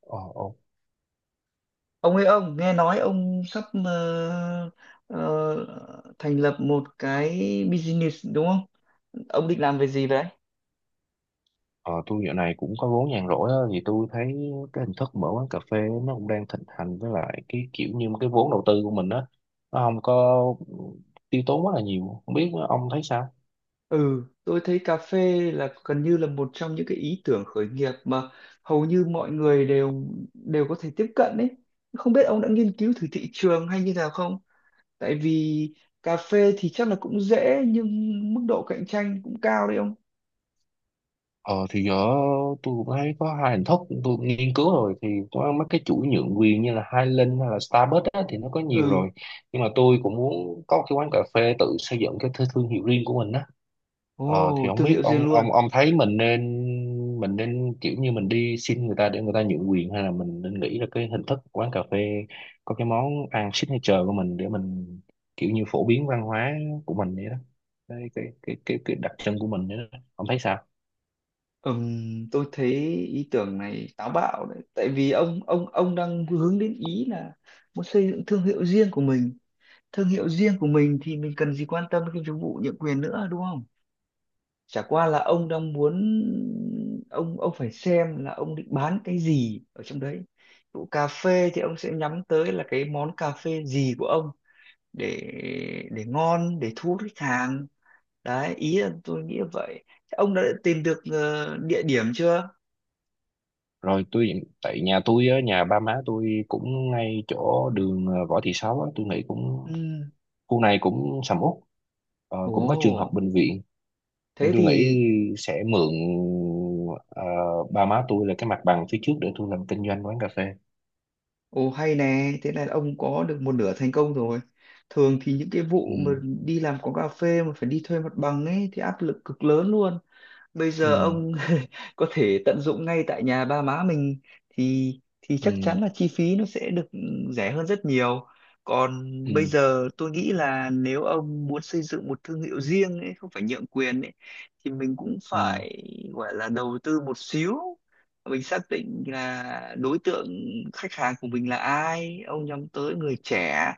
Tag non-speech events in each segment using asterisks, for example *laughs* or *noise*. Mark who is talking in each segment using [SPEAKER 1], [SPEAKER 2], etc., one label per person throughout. [SPEAKER 1] Ờ, ồ.
[SPEAKER 2] Ông ơi, ông nghe nói ông sắp ờ, thành lập một cái business, đúng không? Ông định làm về gì vậy?
[SPEAKER 1] Ờ, tôi dạo này cũng có vốn nhàn rỗi á, thì tôi thấy cái hình thức mở quán cà phê nó cũng đang thịnh hành, với lại cái kiểu như cái vốn đầu tư của mình á nó không có tiêu tốn quá là nhiều. Không biết ông thấy sao.
[SPEAKER 2] Ừ, tôi thấy cà phê là gần như là một trong những cái ý tưởng khởi nghiệp mà hầu như mọi người đều đều có thể tiếp cận đấy. Không biết ông đã nghiên cứu thử thị trường hay như nào không? Tại vì cà phê thì chắc là cũng dễ, nhưng mức độ cạnh tranh cũng cao đấy ông.
[SPEAKER 1] Ờ thì giờ tôi cũng thấy có hai hình thức. Tôi nghiên cứu rồi thì có mấy cái chuỗi nhượng quyền như là Highland hay là Starbucks á, thì nó có nhiều
[SPEAKER 2] Ừ.
[SPEAKER 1] rồi. Nhưng mà tôi cũng muốn có cái quán cà phê tự xây dựng cái thương hiệu riêng của mình á. Ờ thì
[SPEAKER 2] Ồ,
[SPEAKER 1] không
[SPEAKER 2] thương
[SPEAKER 1] biết
[SPEAKER 2] hiệu riêng
[SPEAKER 1] ông
[SPEAKER 2] luôn.
[SPEAKER 1] ông ông thấy mình nên, mình nên kiểu như mình đi xin người ta để người ta nhượng quyền, hay là mình nên nghĩ ra cái hình thức quán cà phê có cái món ăn signature của mình, để mình kiểu như phổ biến văn hóa của mình vậy đó, cái đặc trưng của mình vậy đó. Ông thấy sao?
[SPEAKER 2] Tôi thấy ý tưởng này táo bạo đấy, tại vì ông đang hướng đến ý là muốn xây dựng thương hiệu riêng của mình. Thương hiệu riêng của mình thì mình cần gì quan tâm đến cái chức vụ nhượng quyền nữa, đúng không? Chả qua là ông đang muốn, ông phải xem là ông định bán cái gì ở trong đấy. Vụ cà phê thì ông sẽ nhắm tới là cái món cà phê gì của ông, để để ngon, để thu hút khách hàng. Đấy, ý là tôi nghĩ là vậy. Thế ông đã tìm được địa điểm chưa?
[SPEAKER 1] Rồi, tôi tại nhà tôi á, nhà ba má tôi cũng ngay chỗ đường Võ Thị Sáu á, tôi nghĩ cũng
[SPEAKER 2] Ừ.
[SPEAKER 1] khu này cũng sầm uất. Ờ, cũng có trường học,
[SPEAKER 2] Ồ,
[SPEAKER 1] bệnh viện, nên
[SPEAKER 2] thế
[SPEAKER 1] tôi nghĩ
[SPEAKER 2] thì.
[SPEAKER 1] sẽ mượn ờ, ba má tôi là cái mặt bằng phía trước để tôi làm kinh doanh quán cà phê.
[SPEAKER 2] Ồ hay nè, thế là ông có được một nửa thành công rồi. Thường thì những cái
[SPEAKER 1] Ừ.
[SPEAKER 2] vụ mà đi làm quán cà phê mà phải đi thuê mặt bằng ấy thì áp lực cực lớn luôn. Bây giờ
[SPEAKER 1] Ừ.
[SPEAKER 2] ông *laughs* có thể tận dụng ngay tại nhà ba má mình, thì
[SPEAKER 1] Ừ.
[SPEAKER 2] chắc chắn là chi phí nó sẽ được rẻ hơn rất nhiều. Còn
[SPEAKER 1] Ừ.
[SPEAKER 2] bây giờ tôi nghĩ là nếu ông muốn xây dựng một thương hiệu riêng ấy, không phải nhượng quyền ấy, thì mình cũng
[SPEAKER 1] Ừ.
[SPEAKER 2] phải gọi là đầu tư một xíu. Mình xác định là đối tượng khách hàng của mình là ai, ông nhắm tới người trẻ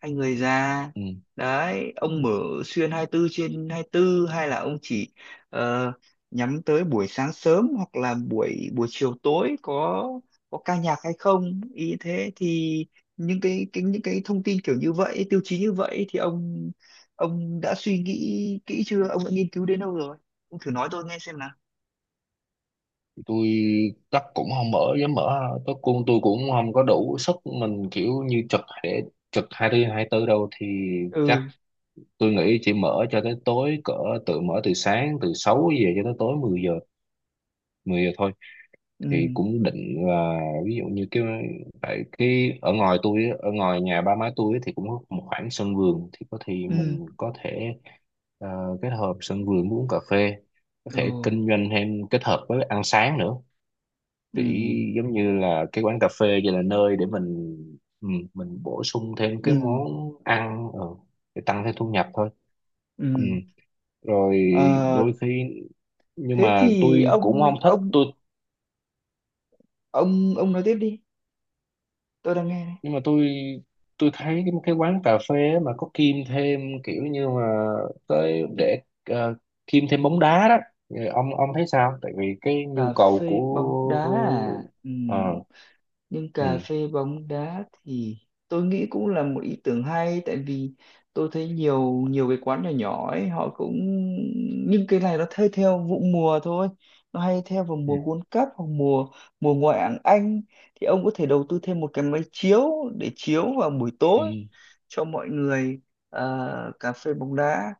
[SPEAKER 2] hay người già.
[SPEAKER 1] Ừ.
[SPEAKER 2] Đấy, ông mở xuyên 24 trên 24 hay là ông chỉ ờ, nhắm tới buổi sáng sớm hoặc là buổi buổi chiều tối, có ca nhạc hay không ý, thế thì những cái, những cái thông tin kiểu như vậy, tiêu chí như vậy thì ông đã suy nghĩ kỹ chưa, ông đã nghiên cứu đến đâu rồi, ông thử nói tôi nghe xem nào.
[SPEAKER 1] Tôi chắc cũng không dám mở, tôi cũng không có đủ sức mình kiểu như trực để trực 24/24 đâu. Thì chắc
[SPEAKER 2] Ừ.
[SPEAKER 1] tôi nghĩ chỉ mở cho tới tối cỡ, tự mở từ sáng, từ 6 giờ cho tới tối 10 giờ, 10 giờ thôi.
[SPEAKER 2] Ừ.
[SPEAKER 1] Thì cũng định là ví dụ như cái, tại cái ở ngoài tôi á, ở ngoài nhà ba má tôi á, thì cũng có một khoảng sân vườn, thì có thì
[SPEAKER 2] Ừ.
[SPEAKER 1] mình có thể kết hợp sân vườn với uống cà phê, có thể
[SPEAKER 2] Ừ.
[SPEAKER 1] kinh doanh thêm kết hợp với ăn sáng nữa.
[SPEAKER 2] Ừ.
[SPEAKER 1] Thì giống như là cái quán cà phê vậy là nơi để mình, ừ, mình bổ sung thêm
[SPEAKER 2] Ừ.
[SPEAKER 1] cái món ăn, để tăng thêm thu nhập thôi. Ừ.
[SPEAKER 2] Ừ.
[SPEAKER 1] Rồi,
[SPEAKER 2] Ờ,
[SPEAKER 1] đôi khi, nhưng
[SPEAKER 2] thế
[SPEAKER 1] mà
[SPEAKER 2] thì
[SPEAKER 1] tôi cũng không
[SPEAKER 2] ông
[SPEAKER 1] thích tôi,
[SPEAKER 2] nói tiếp đi, tôi đang nghe đây.
[SPEAKER 1] nhưng mà tôi thấy cái quán cà phê á mà có kim thêm kiểu như mà tới để, kim thêm bóng đá đó. Thì ông thấy sao, tại vì cái nhu
[SPEAKER 2] Cà
[SPEAKER 1] cầu
[SPEAKER 2] phê bóng đá à?
[SPEAKER 1] của,
[SPEAKER 2] Ừ.
[SPEAKER 1] ờ.
[SPEAKER 2] Nhưng
[SPEAKER 1] Ừ.
[SPEAKER 2] cà phê bóng đá thì tôi nghĩ cũng là một ý tưởng hay, tại vì tôi thấy nhiều nhiều cái quán nhỏ nhỏ ấy họ cũng. Nhưng cái này nó thay theo vụ mùa thôi, nó hay theo vào
[SPEAKER 1] Ừ.
[SPEAKER 2] mùa World Cup hoặc mùa mùa ngoại hạng Anh, thì ông có thể đầu tư thêm một cái máy chiếu để chiếu vào buổi tối
[SPEAKER 1] Ừ.
[SPEAKER 2] cho mọi người cà phê bóng đá.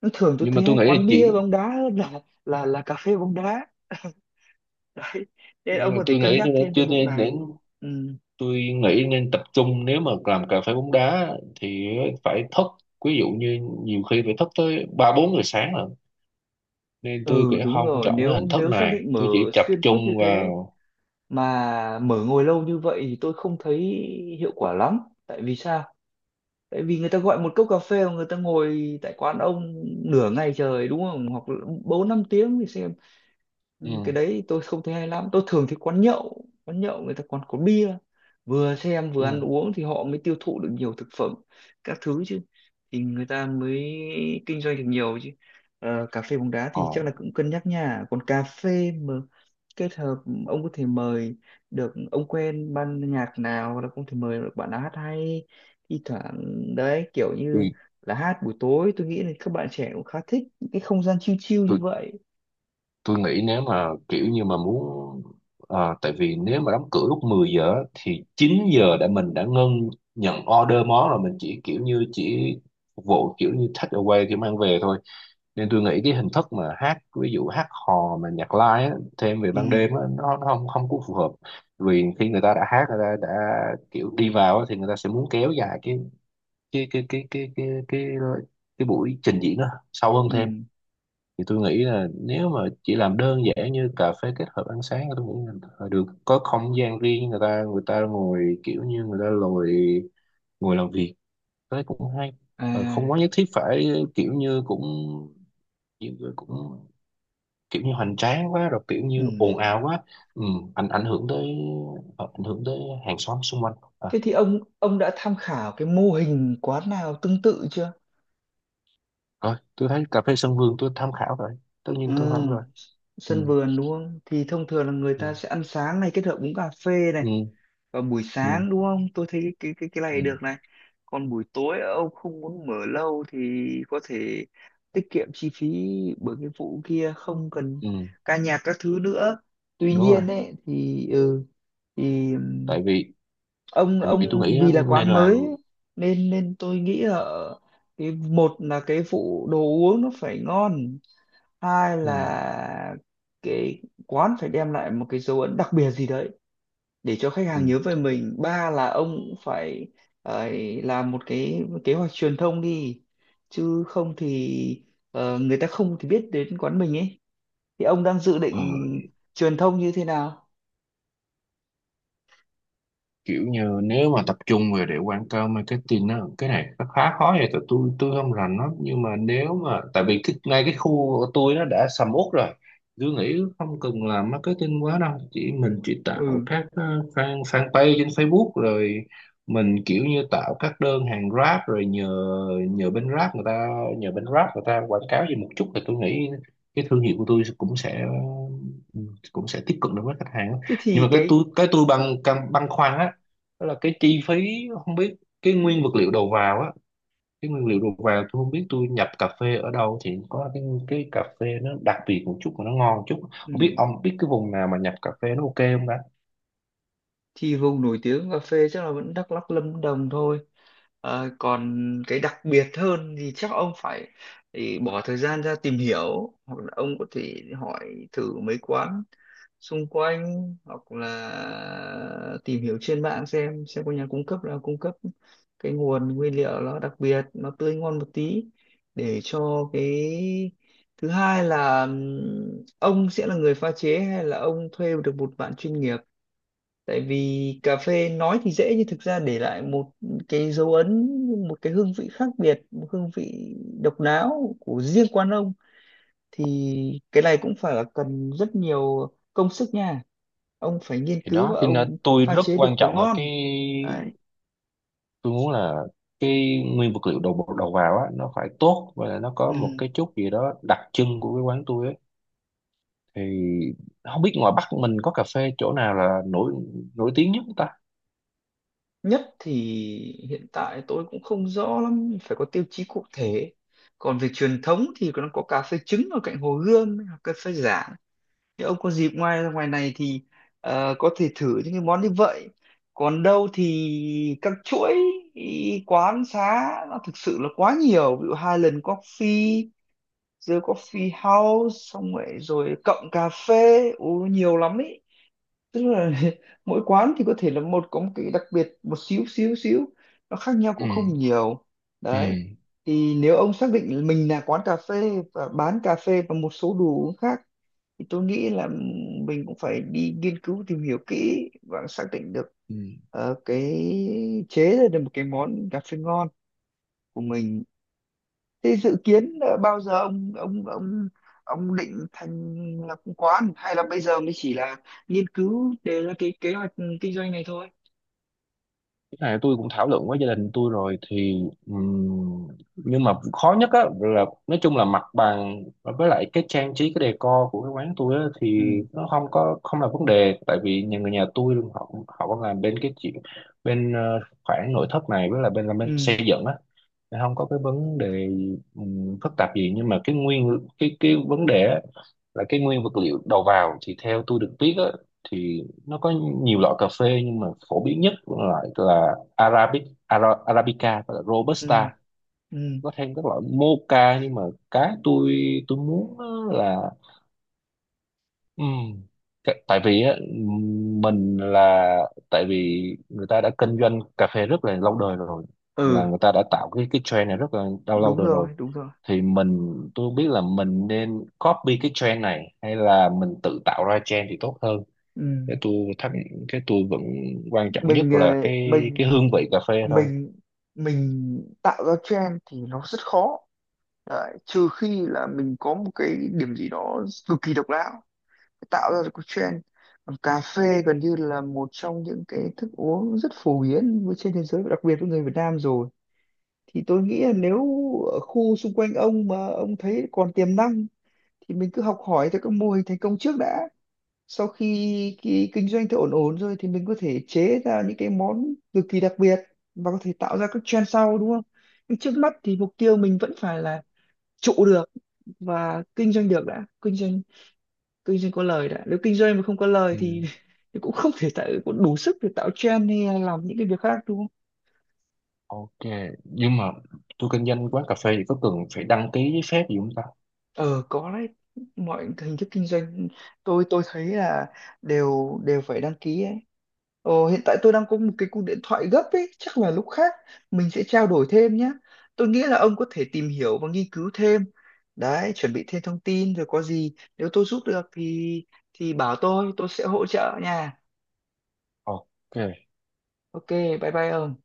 [SPEAKER 2] Nó thường, tôi
[SPEAKER 1] Nhưng mà
[SPEAKER 2] thấy
[SPEAKER 1] tôi
[SPEAKER 2] hay
[SPEAKER 1] nghĩ là
[SPEAKER 2] quán bia
[SPEAKER 1] chỉ,
[SPEAKER 2] bóng đá hơn là là cà phê bóng đá, *laughs* đấy, nên
[SPEAKER 1] nhưng
[SPEAKER 2] ông
[SPEAKER 1] mà
[SPEAKER 2] có thể
[SPEAKER 1] tôi
[SPEAKER 2] cân
[SPEAKER 1] nghĩ
[SPEAKER 2] nhắc
[SPEAKER 1] là
[SPEAKER 2] thêm cái
[SPEAKER 1] chưa
[SPEAKER 2] vụ
[SPEAKER 1] nên
[SPEAKER 2] này.
[SPEAKER 1] đến.
[SPEAKER 2] Ừ.
[SPEAKER 1] Tôi nghĩ nên tập trung, nếu mà làm cà phê bóng đá thì phải thức, ví dụ như nhiều khi phải thức tới 3-4 giờ sáng, rồi nên tôi nghĩ
[SPEAKER 2] Ừ đúng
[SPEAKER 1] không
[SPEAKER 2] rồi,
[SPEAKER 1] chọn cái
[SPEAKER 2] nếu
[SPEAKER 1] hình thức
[SPEAKER 2] nếu xác
[SPEAKER 1] này.
[SPEAKER 2] định
[SPEAKER 1] Tôi
[SPEAKER 2] mở
[SPEAKER 1] chỉ tập
[SPEAKER 2] xuyên
[SPEAKER 1] trung
[SPEAKER 2] suốt như thế,
[SPEAKER 1] vào.
[SPEAKER 2] mà mở ngồi lâu như vậy thì tôi không thấy hiệu quả lắm. Tại vì sao? Tại vì người ta gọi một cốc cà phê mà người ta ngồi tại quán ông nửa ngày trời, đúng không, hoặc là bốn năm tiếng thì xem. Ừ, cái
[SPEAKER 1] Ừ,
[SPEAKER 2] đấy tôi không thấy hay lắm. Tôi thường thấy quán nhậu, người ta còn có bia, vừa xem vừa ăn
[SPEAKER 1] ừ.
[SPEAKER 2] uống thì họ mới tiêu thụ được nhiều thực phẩm các thứ chứ, thì người ta mới kinh doanh được nhiều chứ. Ờ, cà phê bóng đá thì
[SPEAKER 1] Ờ,
[SPEAKER 2] chắc là cũng cân nhắc nha. Còn cà phê mà kết hợp, ông có thể mời được, ông quen ban nhạc nào hoặc là không thể mời được bạn nào hát hay thi thoảng đấy, kiểu như
[SPEAKER 1] tôi,
[SPEAKER 2] là hát buổi tối, tôi nghĩ là các bạn trẻ cũng khá thích những cái không gian chill chill như
[SPEAKER 1] tôi,
[SPEAKER 2] vậy.
[SPEAKER 1] tôi nghĩ nếu mà kiểu như mà muốn, à, tại vì nếu mà đóng cửa lúc 10 giờ á, thì 9 giờ đã mình đã ngưng nhận order món rồi, mình chỉ kiểu như chỉ phục vụ kiểu như take away, kiểu mang về thôi. Nên tôi nghĩ cái hình thức mà hát, ví dụ hát hò mà nhạc live á, thêm về
[SPEAKER 2] Ừ.
[SPEAKER 1] ban đêm á, nó không không có phù hợp. Vì khi người ta đã hát, người ta đã kiểu đi vào á, thì người ta sẽ muốn kéo dài cái, cái cái cái cái cái cái buổi trình diễn đó sâu hơn thêm.
[SPEAKER 2] Ừ.
[SPEAKER 1] Thì tôi nghĩ là nếu mà chỉ làm đơn giản như cà phê kết hợp ăn sáng, tôi nghĩ là phải được có không gian riêng, người ta ngồi kiểu như người ta ngồi, ngồi làm việc, thế cũng hay. Ờ, không
[SPEAKER 2] À,
[SPEAKER 1] quá nhất thiết phải kiểu như cũng, cũng kiểu như hoành tráng quá, rồi kiểu như
[SPEAKER 2] ừ.
[SPEAKER 1] ồn ào quá, ừ, ảnh ảnh hưởng tới, ảnh hưởng tới hàng xóm xung quanh, à.
[SPEAKER 2] Thế thì ông đã tham khảo cái mô hình quán nào tương tự chưa?
[SPEAKER 1] Rồi, tôi thấy cà phê sân vườn tôi tham khảo rồi, tất nhiên tôi không
[SPEAKER 2] Ừ,
[SPEAKER 1] rồi. Ừ.
[SPEAKER 2] sân vườn đúng không? Thì thông thường là người
[SPEAKER 1] Ừ.
[SPEAKER 2] ta sẽ ăn sáng này kết hợp uống cà phê này
[SPEAKER 1] Ừ.
[SPEAKER 2] vào buổi
[SPEAKER 1] Ừ.
[SPEAKER 2] sáng đúng không? Tôi thấy cái
[SPEAKER 1] Ừ.
[SPEAKER 2] này được này. Còn buổi tối ông không muốn mở lâu thì có thể tiết kiệm chi phí, bởi cái vụ kia không cần
[SPEAKER 1] Ừ.
[SPEAKER 2] ca nhạc các thứ nữa. Tuy
[SPEAKER 1] Đúng rồi.
[SPEAKER 2] nhiên ấy thì ừ, thì
[SPEAKER 1] Tại vì,
[SPEAKER 2] ông
[SPEAKER 1] tại vì tôi nghĩ á,
[SPEAKER 2] vì là
[SPEAKER 1] nên
[SPEAKER 2] quán
[SPEAKER 1] làm.
[SPEAKER 2] mới ấy, nên nên tôi nghĩ là cái, một là cái phụ đồ uống nó phải ngon, hai
[SPEAKER 1] Ừ.
[SPEAKER 2] là cái quán phải đem lại một cái dấu ấn đặc biệt gì đấy để cho khách
[SPEAKER 1] Ừ.
[SPEAKER 2] hàng nhớ về mình, ba là ông cũng phải ờ, làm một cái kế hoạch truyền thông đi, chứ không thì người ta không thì biết đến quán mình ấy. Thì ông đang dự định
[SPEAKER 1] Ừ.
[SPEAKER 2] truyền thông như thế nào?
[SPEAKER 1] Kiểu như nếu mà tập trung về để quảng cáo marketing á, cái này nó khá khó vậy, tại tôi không rành lắm. Nhưng mà nếu mà, tại vì cái, ngay cái khu của tôi nó đã sầm uất rồi, tôi nghĩ không cần làm marketing quá đâu, chỉ mình chỉ tạo
[SPEAKER 2] Ừ,
[SPEAKER 1] các fan fanpage trên Facebook, rồi mình kiểu như tạo các đơn hàng Grab, rồi nhờ nhờ bên Grab người ta, quảng cáo gì một chút, thì tôi nghĩ cái thương hiệu của tôi cũng sẽ, cũng sẽ tiếp cận được với khách hàng á.
[SPEAKER 2] thế
[SPEAKER 1] Nhưng
[SPEAKER 2] thì
[SPEAKER 1] mà cái
[SPEAKER 2] cái.
[SPEAKER 1] tôi cái tôi băn khoăn á, đó là cái chi phí, không biết cái nguyên vật liệu đầu vào á, cái nguyên liệu đầu vào tôi không biết tôi nhập cà phê ở đâu thì có cái cà phê nó đặc biệt một chút mà nó ngon một chút.
[SPEAKER 2] Ừ.
[SPEAKER 1] Không biết ông biết cái vùng nào mà nhập cà phê nó ok không ta?
[SPEAKER 2] Thì vùng nổi tiếng cà phê chắc là vẫn Đắk Lắk, Lâm Đồng thôi. Ờ, còn cái đặc biệt hơn thì chắc ông phải, thì bỏ thời gian ra tìm hiểu, hoặc là ông có thể hỏi thử mấy quán xung quanh, hoặc là tìm hiểu trên mạng xem có nhà cung cấp là cung cấp cái nguồn nguyên liệu nó đặc biệt, nó tươi ngon một tí, để cho cái, thứ hai là ông sẽ là người pha chế hay là ông thuê được một bạn chuyên nghiệp. Tại vì cà phê nói thì dễ nhưng thực ra để lại một cái dấu ấn, một cái hương vị khác biệt, một hương vị độc đáo của riêng quán ông, thì cái này cũng phải là cần rất nhiều công sức nha. Ông phải nghiên
[SPEAKER 1] Thì
[SPEAKER 2] cứu
[SPEAKER 1] đó
[SPEAKER 2] và
[SPEAKER 1] thì nên
[SPEAKER 2] ông
[SPEAKER 1] tôi
[SPEAKER 2] pha
[SPEAKER 1] rất
[SPEAKER 2] chế
[SPEAKER 1] quan
[SPEAKER 2] được món
[SPEAKER 1] trọng là cái,
[SPEAKER 2] ngon đấy.
[SPEAKER 1] tôi muốn là cái nguyên vật liệu đầu đầu vào á nó phải tốt, và là nó có một
[SPEAKER 2] Ừ.
[SPEAKER 1] cái chút gì đó đặc trưng của cái quán tôi ấy. Thì không biết ngoài Bắc mình có cà phê chỗ nào là nổi nổi tiếng nhất không ta?
[SPEAKER 2] Nhất thì hiện tại tôi cũng không rõ lắm, phải có tiêu chí cụ thể. Còn về truyền thống thì nó có cà phê trứng ở cạnh Hồ Gươm, cà phê giả. Nếu ông có dịp ngoài ngoài này thì có thể thử những cái món như vậy. Còn đâu thì các chuỗi ý, quán xá nó thực sự là quá nhiều. Ví dụ Highland Coffee, The Coffee House, xong rồi rồi Cộng Cà Phê, Ú, nhiều lắm ý, tức là *laughs* mỗi quán thì có thể là một có một cái đặc biệt một xíu xíu xíu, nó khác nhau
[SPEAKER 1] Ừ.
[SPEAKER 2] cũng không nhiều, đấy.
[SPEAKER 1] Ừ.
[SPEAKER 2] Thì nếu ông xác định mình là quán cà phê và bán cà phê và một số đồ uống khác, thì tôi nghĩ là mình cũng phải đi nghiên cứu tìm hiểu kỹ và xác định được
[SPEAKER 1] Ừ.
[SPEAKER 2] cái, chế ra được một cái món cà phê ngon của mình. Thế dự kiến bao giờ ông định thành lập quán, hay là bây giờ mới chỉ là nghiên cứu đề ra cái kế hoạch kinh doanh này thôi?
[SPEAKER 1] Cái này tôi cũng thảo luận với gia đình tôi rồi thì nhưng mà khó nhất á là nói chung là mặt bằng, với lại cái trang trí, cái decor của cái quán tôi á, thì
[SPEAKER 2] Ừ.
[SPEAKER 1] nó không có không là vấn đề, tại vì nhà người nhà tôi họ họ còn làm bên cái chuyện bên khoản nội thất này, với là bên làm bên
[SPEAKER 2] Ừ.
[SPEAKER 1] xây dựng á, không có cái vấn đề phức tạp gì. Nhưng mà cái nguyên cái vấn đề á, là cái nguyên vật liệu đầu vào, thì theo tôi được biết á, thì nó có nhiều loại cà phê, nhưng mà phổ biến nhất là loại là Arabic, Arabica và là
[SPEAKER 2] Ừ.
[SPEAKER 1] Robusta.
[SPEAKER 2] Ừ.
[SPEAKER 1] Có thêm các loại Mocha. Nhưng mà cái tôi muốn á là, ừm, cái- tại vì á, mình là, tại vì người ta đã kinh doanh cà phê rất là lâu đời rồi, là
[SPEAKER 2] Ừ
[SPEAKER 1] người ta đã tạo cái trend này rất là lâu lâu
[SPEAKER 2] đúng
[SPEAKER 1] đời rồi.
[SPEAKER 2] rồi, đúng rồi.
[SPEAKER 1] Thì mình tôi không biết là mình nên copy cái trend này, hay là mình tự tạo ra trend thì tốt hơn.
[SPEAKER 2] Ừ.
[SPEAKER 1] cái tôi thắc cái tôi vẫn quan trọng nhất
[SPEAKER 2] Mình
[SPEAKER 1] là
[SPEAKER 2] mình
[SPEAKER 1] cái hương vị cà phê thôi.
[SPEAKER 2] mình tạo ra trend thì nó rất khó. Đấy, trừ khi là mình có một cái điểm gì đó cực kỳ độc đáo tạo ra được cái trend. Còn cà phê gần như là một trong những cái thức uống rất phổ biến với- trên thế giới và đặc biệt với người Việt Nam rồi, thì tôi nghĩ là nếu ở khu xung quanh ông mà ông thấy còn tiềm năng, thì mình cứ học hỏi theo các mô hình thành công trước đã. Sau khi cái kinh doanh thì ổn ổn rồi thì mình có thể chế ra những cái món cực kỳ đặc biệt và có thể tạo ra các trend sau, đúng không? Nhưng trước mắt thì mục tiêu mình vẫn phải là trụ được và kinh doanh được đã, kinh doanh có lời đã. Nếu kinh doanh mà không có lời
[SPEAKER 1] Ừ,
[SPEAKER 2] thì, *laughs* thì cũng không thể tạo, cũng đủ sức để tạo trend hay là làm những cái việc khác, đúng không?
[SPEAKER 1] ok. Nhưng mà tôi kinh doanh quán cà phê thì có cần phải đăng ký giấy phép gì không ta?
[SPEAKER 2] Ờ có đấy, mọi hình thức kinh doanh tôi thấy là đều đều phải đăng ký ấy. Ờ, hiện tại tôi đang có một cái cuộc điện thoại gấp ấy, chắc là lúc khác mình sẽ trao đổi thêm nhé. Tôi nghĩ là ông có thể tìm hiểu và nghiên cứu thêm đấy, chuẩn bị thêm thông tin, rồi có gì nếu tôi giúp được thì bảo tôi, sẽ hỗ trợ nha.
[SPEAKER 1] Ok.
[SPEAKER 2] Ok. Bye bye ông.